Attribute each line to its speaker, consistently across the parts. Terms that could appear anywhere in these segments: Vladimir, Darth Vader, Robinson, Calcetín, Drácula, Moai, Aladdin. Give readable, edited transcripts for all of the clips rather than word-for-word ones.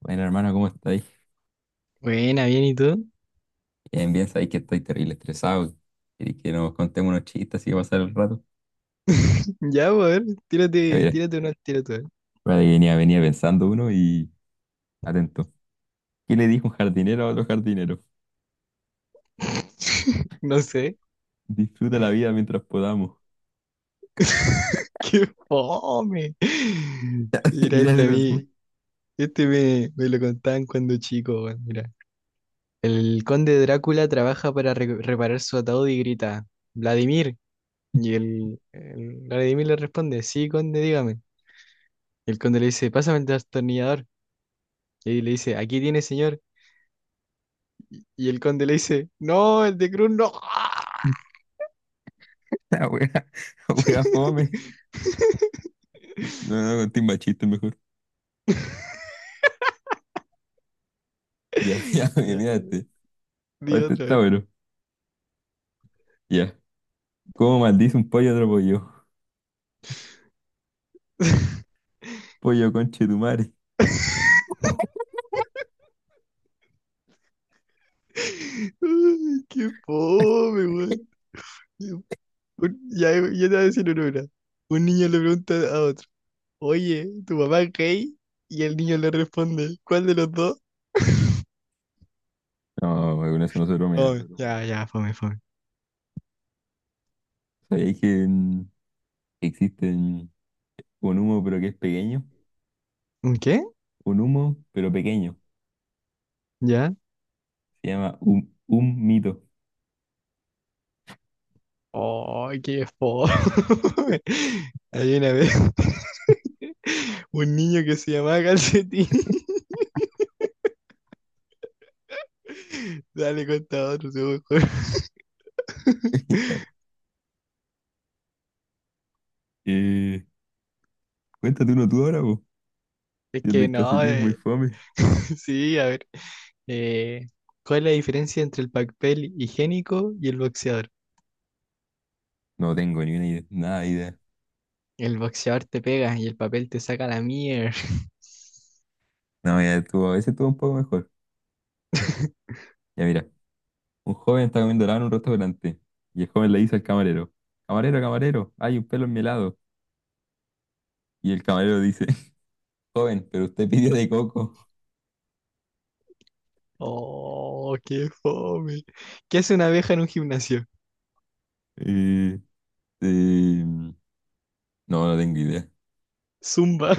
Speaker 1: Bueno, hermano, ¿cómo estáis?
Speaker 2: Buena, bien, ¿y tú?
Speaker 1: Bien, bien, sabéis que estoy terrible estresado. Queréis que nos contemos unos chistes así que pasar el rato.
Speaker 2: Ya, pues, a ver,
Speaker 1: A
Speaker 2: tírate,
Speaker 1: ver,
Speaker 2: tírate una, tírate una.
Speaker 1: espérate que venía pensando uno y atento. ¿Qué le dijo un jardinero a otro jardinero?
Speaker 2: No sé.
Speaker 1: Disfruta la vida mientras podamos.
Speaker 2: ¡Qué fome! Mira, este a
Speaker 1: Dígaselo tú.
Speaker 2: mí, este me lo contaban cuando chico, weón, mira. El conde Drácula trabaja para reparar su ataúd y grita, Vladimir. Y el Vladimir le responde, sí, conde, dígame. Y el conde le dice, pásame el destornillador. Y le dice, aquí tiene, señor. Y el conde le dice, no, el de Cruz no.
Speaker 1: La wea, la wea fome. No, no, conté más chistes mejor. Ya, ya, mira este. O
Speaker 2: Di
Speaker 1: este
Speaker 2: otra
Speaker 1: está
Speaker 2: vez.
Speaker 1: bueno. Ya. ¿Cómo maldice un pollo a otro pollo? Pollo conche tu madre.
Speaker 2: Ay, qué fome, weón. Un- Ya, ya te voy a decir una ahora. Un niño le pregunta a otro, oye, ¿tu papá es gay? Y el niño le responde, ¿cuál de los dos?
Speaker 1: No, con eso no se bromea.
Speaker 2: Fome. Ya, ya, fome, fome.
Speaker 1: ¿Sabéis que que existen. Un humo, pero que es pequeño.
Speaker 2: ¿Un qué?
Speaker 1: Un humo, pero pequeño.
Speaker 2: ¿Ya?
Speaker 1: Se llama un mito.
Speaker 2: Oh, qué fome. Hay una vez un niño que se llamaba Calcetín. Dale, cuenta otro, se me ocurre.
Speaker 1: Eh, cuéntate uno tú ahora, po.
Speaker 2: Es
Speaker 1: El
Speaker 2: que
Speaker 1: del
Speaker 2: no,
Speaker 1: calcetín es muy fome.
Speaker 2: Sí, a ver. eh, ¿Cuál es la diferencia entre el papel higiénico y el boxeador?
Speaker 1: No tengo ni una idea, nada de idea.
Speaker 2: El boxeador te pega y el papel te saca la mierda.
Speaker 1: No, ya estuvo, a veces estuvo un poco mejor. Ya mira, un joven está comiendo helado en un restaurante y el joven le dice al camarero, camarero, camarero, hay un pelo en mi helado. Y el camarero dice, joven, pero usted pidió de coco.
Speaker 2: Oh, qué fome. ¿Qué hace una abeja en un gimnasio?
Speaker 1: Eh, no, no tengo idea.
Speaker 2: Zumba.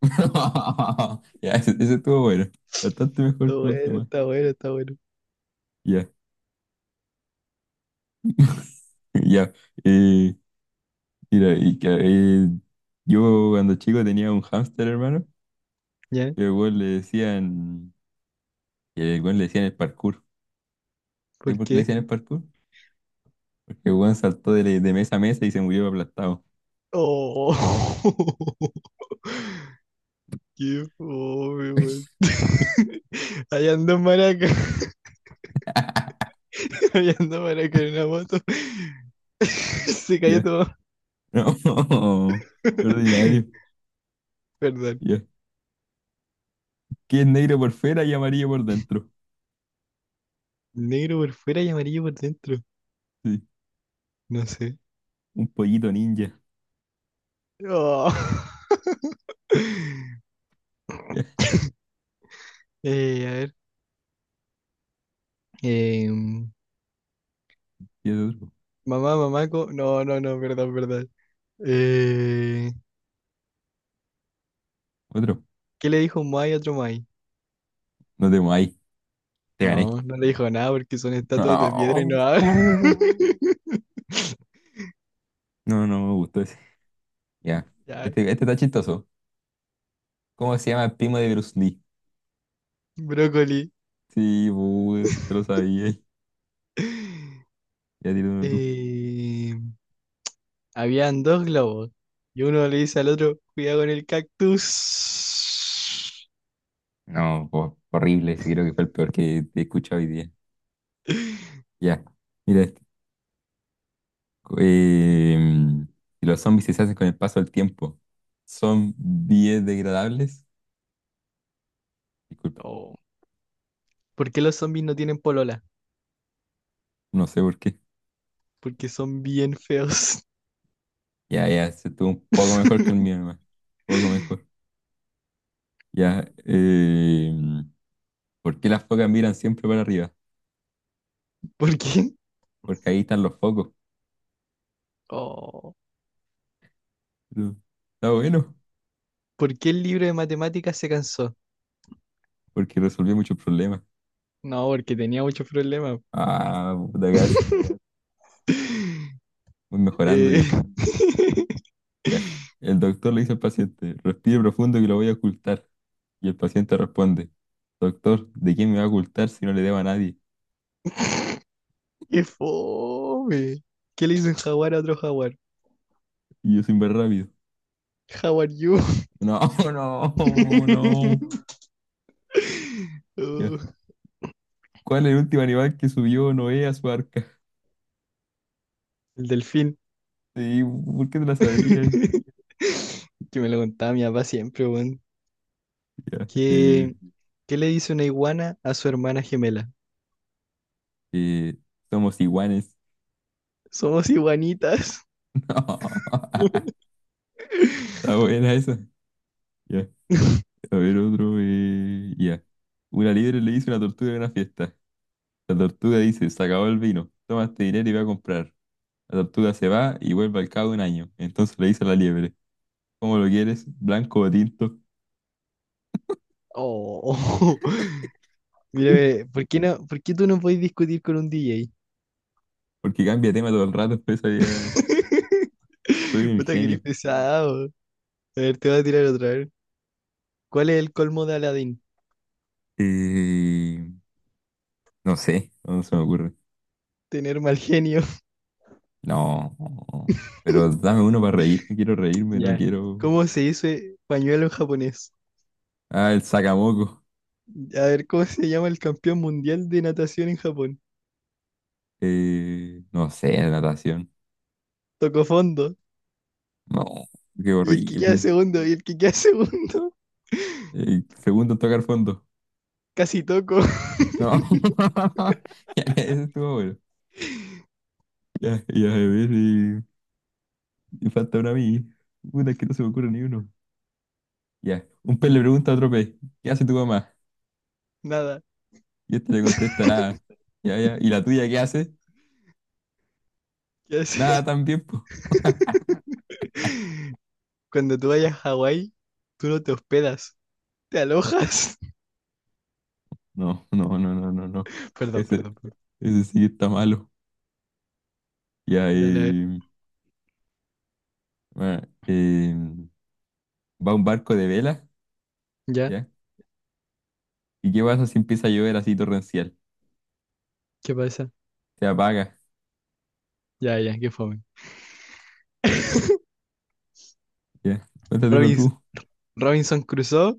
Speaker 1: Ya, ese estuvo bueno, bastante
Speaker 2: Está
Speaker 1: mejor que los
Speaker 2: bueno,
Speaker 1: demás.
Speaker 2: está bueno, está bueno.
Speaker 1: Ya. Ya, eh, mira, y que, yo cuando chico tenía un hámster, hermano,
Speaker 2: ¿Ya?
Speaker 1: que al weón le decían, que al weón le decían el parkour. ¿Sabes
Speaker 2: ¿Por
Speaker 1: por qué le
Speaker 2: qué?
Speaker 1: decían el parkour? Porque el weón saltó de mesa a mesa y se murió aplastado.
Speaker 2: Oh, qué fome, weón. Allá andó maraca. Allá andó maraca en una moto. Se cayó
Speaker 1: Ya,
Speaker 2: todo.
Speaker 1: no, qué ordinario.
Speaker 2: Perdón.
Speaker 1: Ya, que es negro por fuera y amarillo por dentro.
Speaker 2: Negro por fuera y amarillo por dentro.
Speaker 1: Sí,
Speaker 2: No sé.
Speaker 1: un pollito ninja.
Speaker 2: Oh.
Speaker 1: Ya,
Speaker 2: A ver. eh,
Speaker 1: y es otro,
Speaker 2: mamá, mamaco. No, no, no, perdón, perdón. Eh,
Speaker 1: otro.
Speaker 2: ¿Qué le dijo un Moai a otro Moai?
Speaker 1: No te ahí te gané.
Speaker 2: No, no le dijo nada porque son estatuas de piedra y
Speaker 1: No,
Speaker 2: no hablan.
Speaker 1: no me gustó ese. Ya,
Speaker 2: Ya,
Speaker 1: este está chistoso. ¿Cómo se llama el primo de Bruce Lee?
Speaker 2: brócoli.
Speaker 1: Sí, pues, te lo sabía. Ya tira uno tú.
Speaker 2: Eh, habían dos globos y uno le dice al otro, cuidado con el cactus.
Speaker 1: No, horrible. Ese creo que fue el peor que he escuchado hoy día. Ya, mira este. Em, si los zombies se hacen con el paso del tiempo, ¿son biodegradables? Disculpa,
Speaker 2: Oh, ¿por qué los zombies no tienen polola?
Speaker 1: no sé por qué.
Speaker 2: Porque son bien feos.
Speaker 1: Ya, ya, se estuvo un poco mejor que el mío, nomás. Un poco mejor. Ya, ¿por qué las focas miran siempre para arriba?
Speaker 2: ¿Por qué?
Speaker 1: Porque ahí están los focos.
Speaker 2: Oh,
Speaker 1: Pero está bueno,
Speaker 2: ¿por qué el libro de matemáticas se cansó?
Speaker 1: porque resolvió muchos problemas.
Speaker 2: No, porque tenía muchos problemas.
Speaker 1: Ah, puta, casi. Voy mejorando.
Speaker 2: Eh,
Speaker 1: Ya. El doctor le dice al paciente, respire profundo que lo voy a ocultar. Y el paciente responde, doctor, ¿de quién me va a ocultar si no le debo a nadie?
Speaker 2: ¡Qué fome! ¿Qué le hizo un jaguar a otro jaguar?
Speaker 1: Y yo sin ver rápido.
Speaker 2: How are you?
Speaker 1: No, no, no. Ya.
Speaker 2: Oh,
Speaker 1: ¿Cuál es el último animal que subió Noé a su arca?
Speaker 2: el delfín.
Speaker 1: Sí, ¿por qué te la sabías?
Speaker 2: Que me lo contaba mi papá siempre, weón.
Speaker 1: Ya.
Speaker 2: ¿Qué, qué le dice una iguana a su hermana gemela?
Speaker 1: Eh, Somos iguanes.
Speaker 2: Somos iguanitas.
Speaker 1: No. Está buena esa. Ya. A ver, otro. Ya. Una liebre le hizo una tortuga en una fiesta. La tortuga dice, se acabó el vino. Toma este dinero y va a comprar. La tortuga se va y vuelve al cabo de un año. Entonces le dice a la liebre, ¿cómo lo quieres? ¿Blanco o tinto?
Speaker 2: Oh, mírame, ¿por qué tú no puedes discutir con un DJ?
Speaker 1: Porque cambia de tema todo el rato, pues ya soy un
Speaker 2: Puta, que eres
Speaker 1: genio.
Speaker 2: pesado. A ver, te voy a tirar otra vez. ¿Cuál es el colmo de Aladdin?
Speaker 1: Eh, no sé, no se me ocurre.
Speaker 2: Tener mal genio.
Speaker 1: No, pero dame uno para reírme, quiero reírme, no
Speaker 2: Ya.
Speaker 1: quiero...
Speaker 2: ¿Cómo se dice pañuelo en japonés?
Speaker 1: Ah, el sacamoco.
Speaker 2: A ver, ¿cómo se llama el campeón mundial de natación en Japón?
Speaker 1: No sé, natación.
Speaker 2: Tocó fondo.
Speaker 1: No, qué
Speaker 2: Y el que queda
Speaker 1: horrible.
Speaker 2: segundo, y el que queda segundo.
Speaker 1: Segundo en tocar fondo.
Speaker 2: Casi toco.
Speaker 1: No, ya, ese estuvo bueno. Ya, ya, a ver, y me falta uno a mí. Puta, es que no se me ocurre ni uno. Ya. Un pez le pregunta a otro pez, ¿qué hace tu mamá?
Speaker 2: Nada.
Speaker 1: Y este le contesta nada. Ya, ya. ¿Y la tuya qué hace?
Speaker 2: ¿Qué
Speaker 1: Nada
Speaker 2: haces?
Speaker 1: también, po.
Speaker 2: Cuando tú vayas a Hawái, tú no te hospedas, te alojas.
Speaker 1: No, no, no, no, no, no.
Speaker 2: Perdón,
Speaker 1: Ese,
Speaker 2: perdón, perdón.
Speaker 1: ese sí está malo. Ya,
Speaker 2: Dale a ver.
Speaker 1: bueno, va un barco de vela,
Speaker 2: ¿Ya?
Speaker 1: ¿ya? ¿Y qué pasa si empieza a llover así torrencial?
Speaker 2: ¿Qué pasa?
Speaker 1: Se apaga,
Speaker 2: Ya, ya, qué fome.
Speaker 1: ¿ya? Cuéntate uno
Speaker 2: Robins-
Speaker 1: tú.
Speaker 2: Robinson cruzó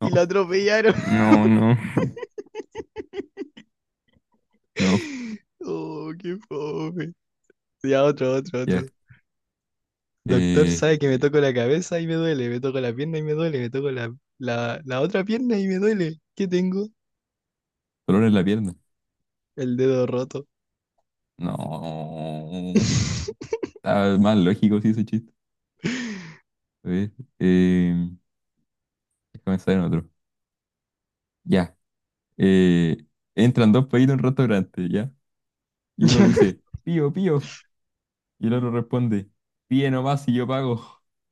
Speaker 1: No,
Speaker 2: y lo atropellaron.
Speaker 1: no, no, no,
Speaker 2: Oh, qué fome. Ya, otro, otro, otro.
Speaker 1: ya.
Speaker 2: Doctor
Speaker 1: Eh,
Speaker 2: sabe que me toco la cabeza y me duele, me toco la pierna y me duele, me toco la otra pierna y me duele. ¿Qué tengo?
Speaker 1: Dolor en la pierna.
Speaker 2: El dedo roto.
Speaker 1: No. Está más lógico sí ese chiste. A ver, eh, déjame pensar en otro. Ya. eh, Entran dos países en un restaurante, ¿ya? Y uno dice, pío, pío. Y el otro responde, pío nomás y yo pago.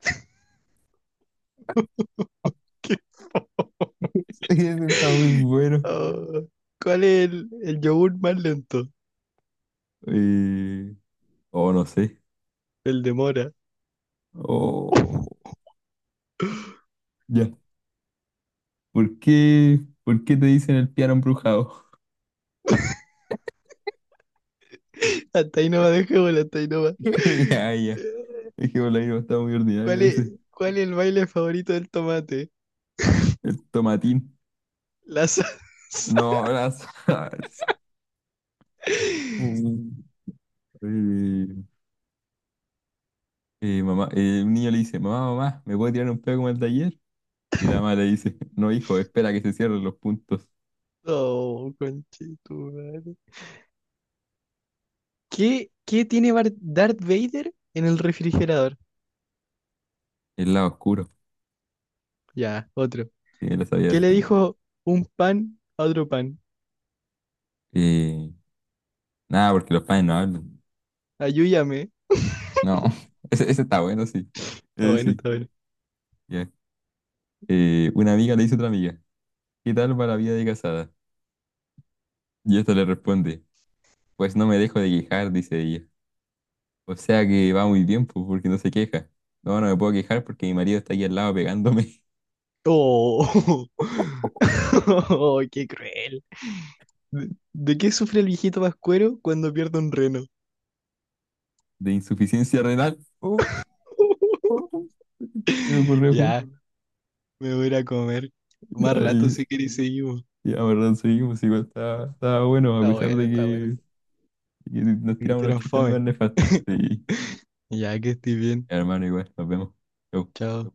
Speaker 2: Qué fo-
Speaker 1: Sí, ese está muy bueno.
Speaker 2: Oh, ¿cuál es el yogur más lento?
Speaker 1: Eh, oh, no sé.
Speaker 2: El de mora.
Speaker 1: Oh, ya. Por qué te dicen el piano embrujado?
Speaker 2: Hasta ahí no va, dejémoslo, hasta ahí no va.
Speaker 1: Ya, ya. Es que por ahí no está muy
Speaker 2: ¿Cuál
Speaker 1: ordinario
Speaker 2: es,
Speaker 1: ese.
Speaker 2: ¿cuál es el baile favorito del tomate?
Speaker 1: El tomatín.
Speaker 2: La salsa.
Speaker 1: No, las... Uh, eh, mamá, un niño le dice, mamá, mamá, ¿me puede tirar un pedo como el de ayer? Y la mamá le dice, no, hijo, espera que se cierren los puntos.
Speaker 2: Oh, conchetumare. ¿Qué tiene Darth Vader en el refrigerador?
Speaker 1: El lado oscuro.
Speaker 2: Ya, otro.
Speaker 1: Sí, lo sabía
Speaker 2: ¿Qué le
Speaker 1: esa.
Speaker 2: dijo un pan a otro pan?
Speaker 1: Eh, Nada, porque los padres no hablan.
Speaker 2: Ayúdame.
Speaker 1: No, ese está bueno, sí.
Speaker 2: Está bueno,
Speaker 1: Sí,
Speaker 2: está bueno.
Speaker 1: ya. Una amiga le dice a otra amiga, ¿qué tal va la vida de casada? Y esta le responde, pues no me dejo de quejar, dice ella. O sea que va muy bien, pues, porque no se queja. No, no me puedo quejar porque mi marido está aquí al lado pegándome.
Speaker 2: Oh, oh, qué cruel. ¿De qué sufre el viejito vascuero cuando pierde un reno?
Speaker 1: De insuficiencia renal. Uh, uh, uh, se me ocurrió justo.
Speaker 2: Ya, me voy a ir a comer. Más
Speaker 1: Ya,
Speaker 2: rato si queréis seguimos.
Speaker 1: y la verdad, seguimos, igual estaba bueno, a
Speaker 2: Está
Speaker 1: pesar
Speaker 2: bueno, está bueno.
Speaker 1: de que nos
Speaker 2: Que
Speaker 1: tiramos unos
Speaker 2: estuvieran
Speaker 1: chistes
Speaker 2: fome.
Speaker 1: más nefastos. Sí,
Speaker 2: Ya que estoy bien.
Speaker 1: hermano, igual, nos vemos. Chau.
Speaker 2: Chao.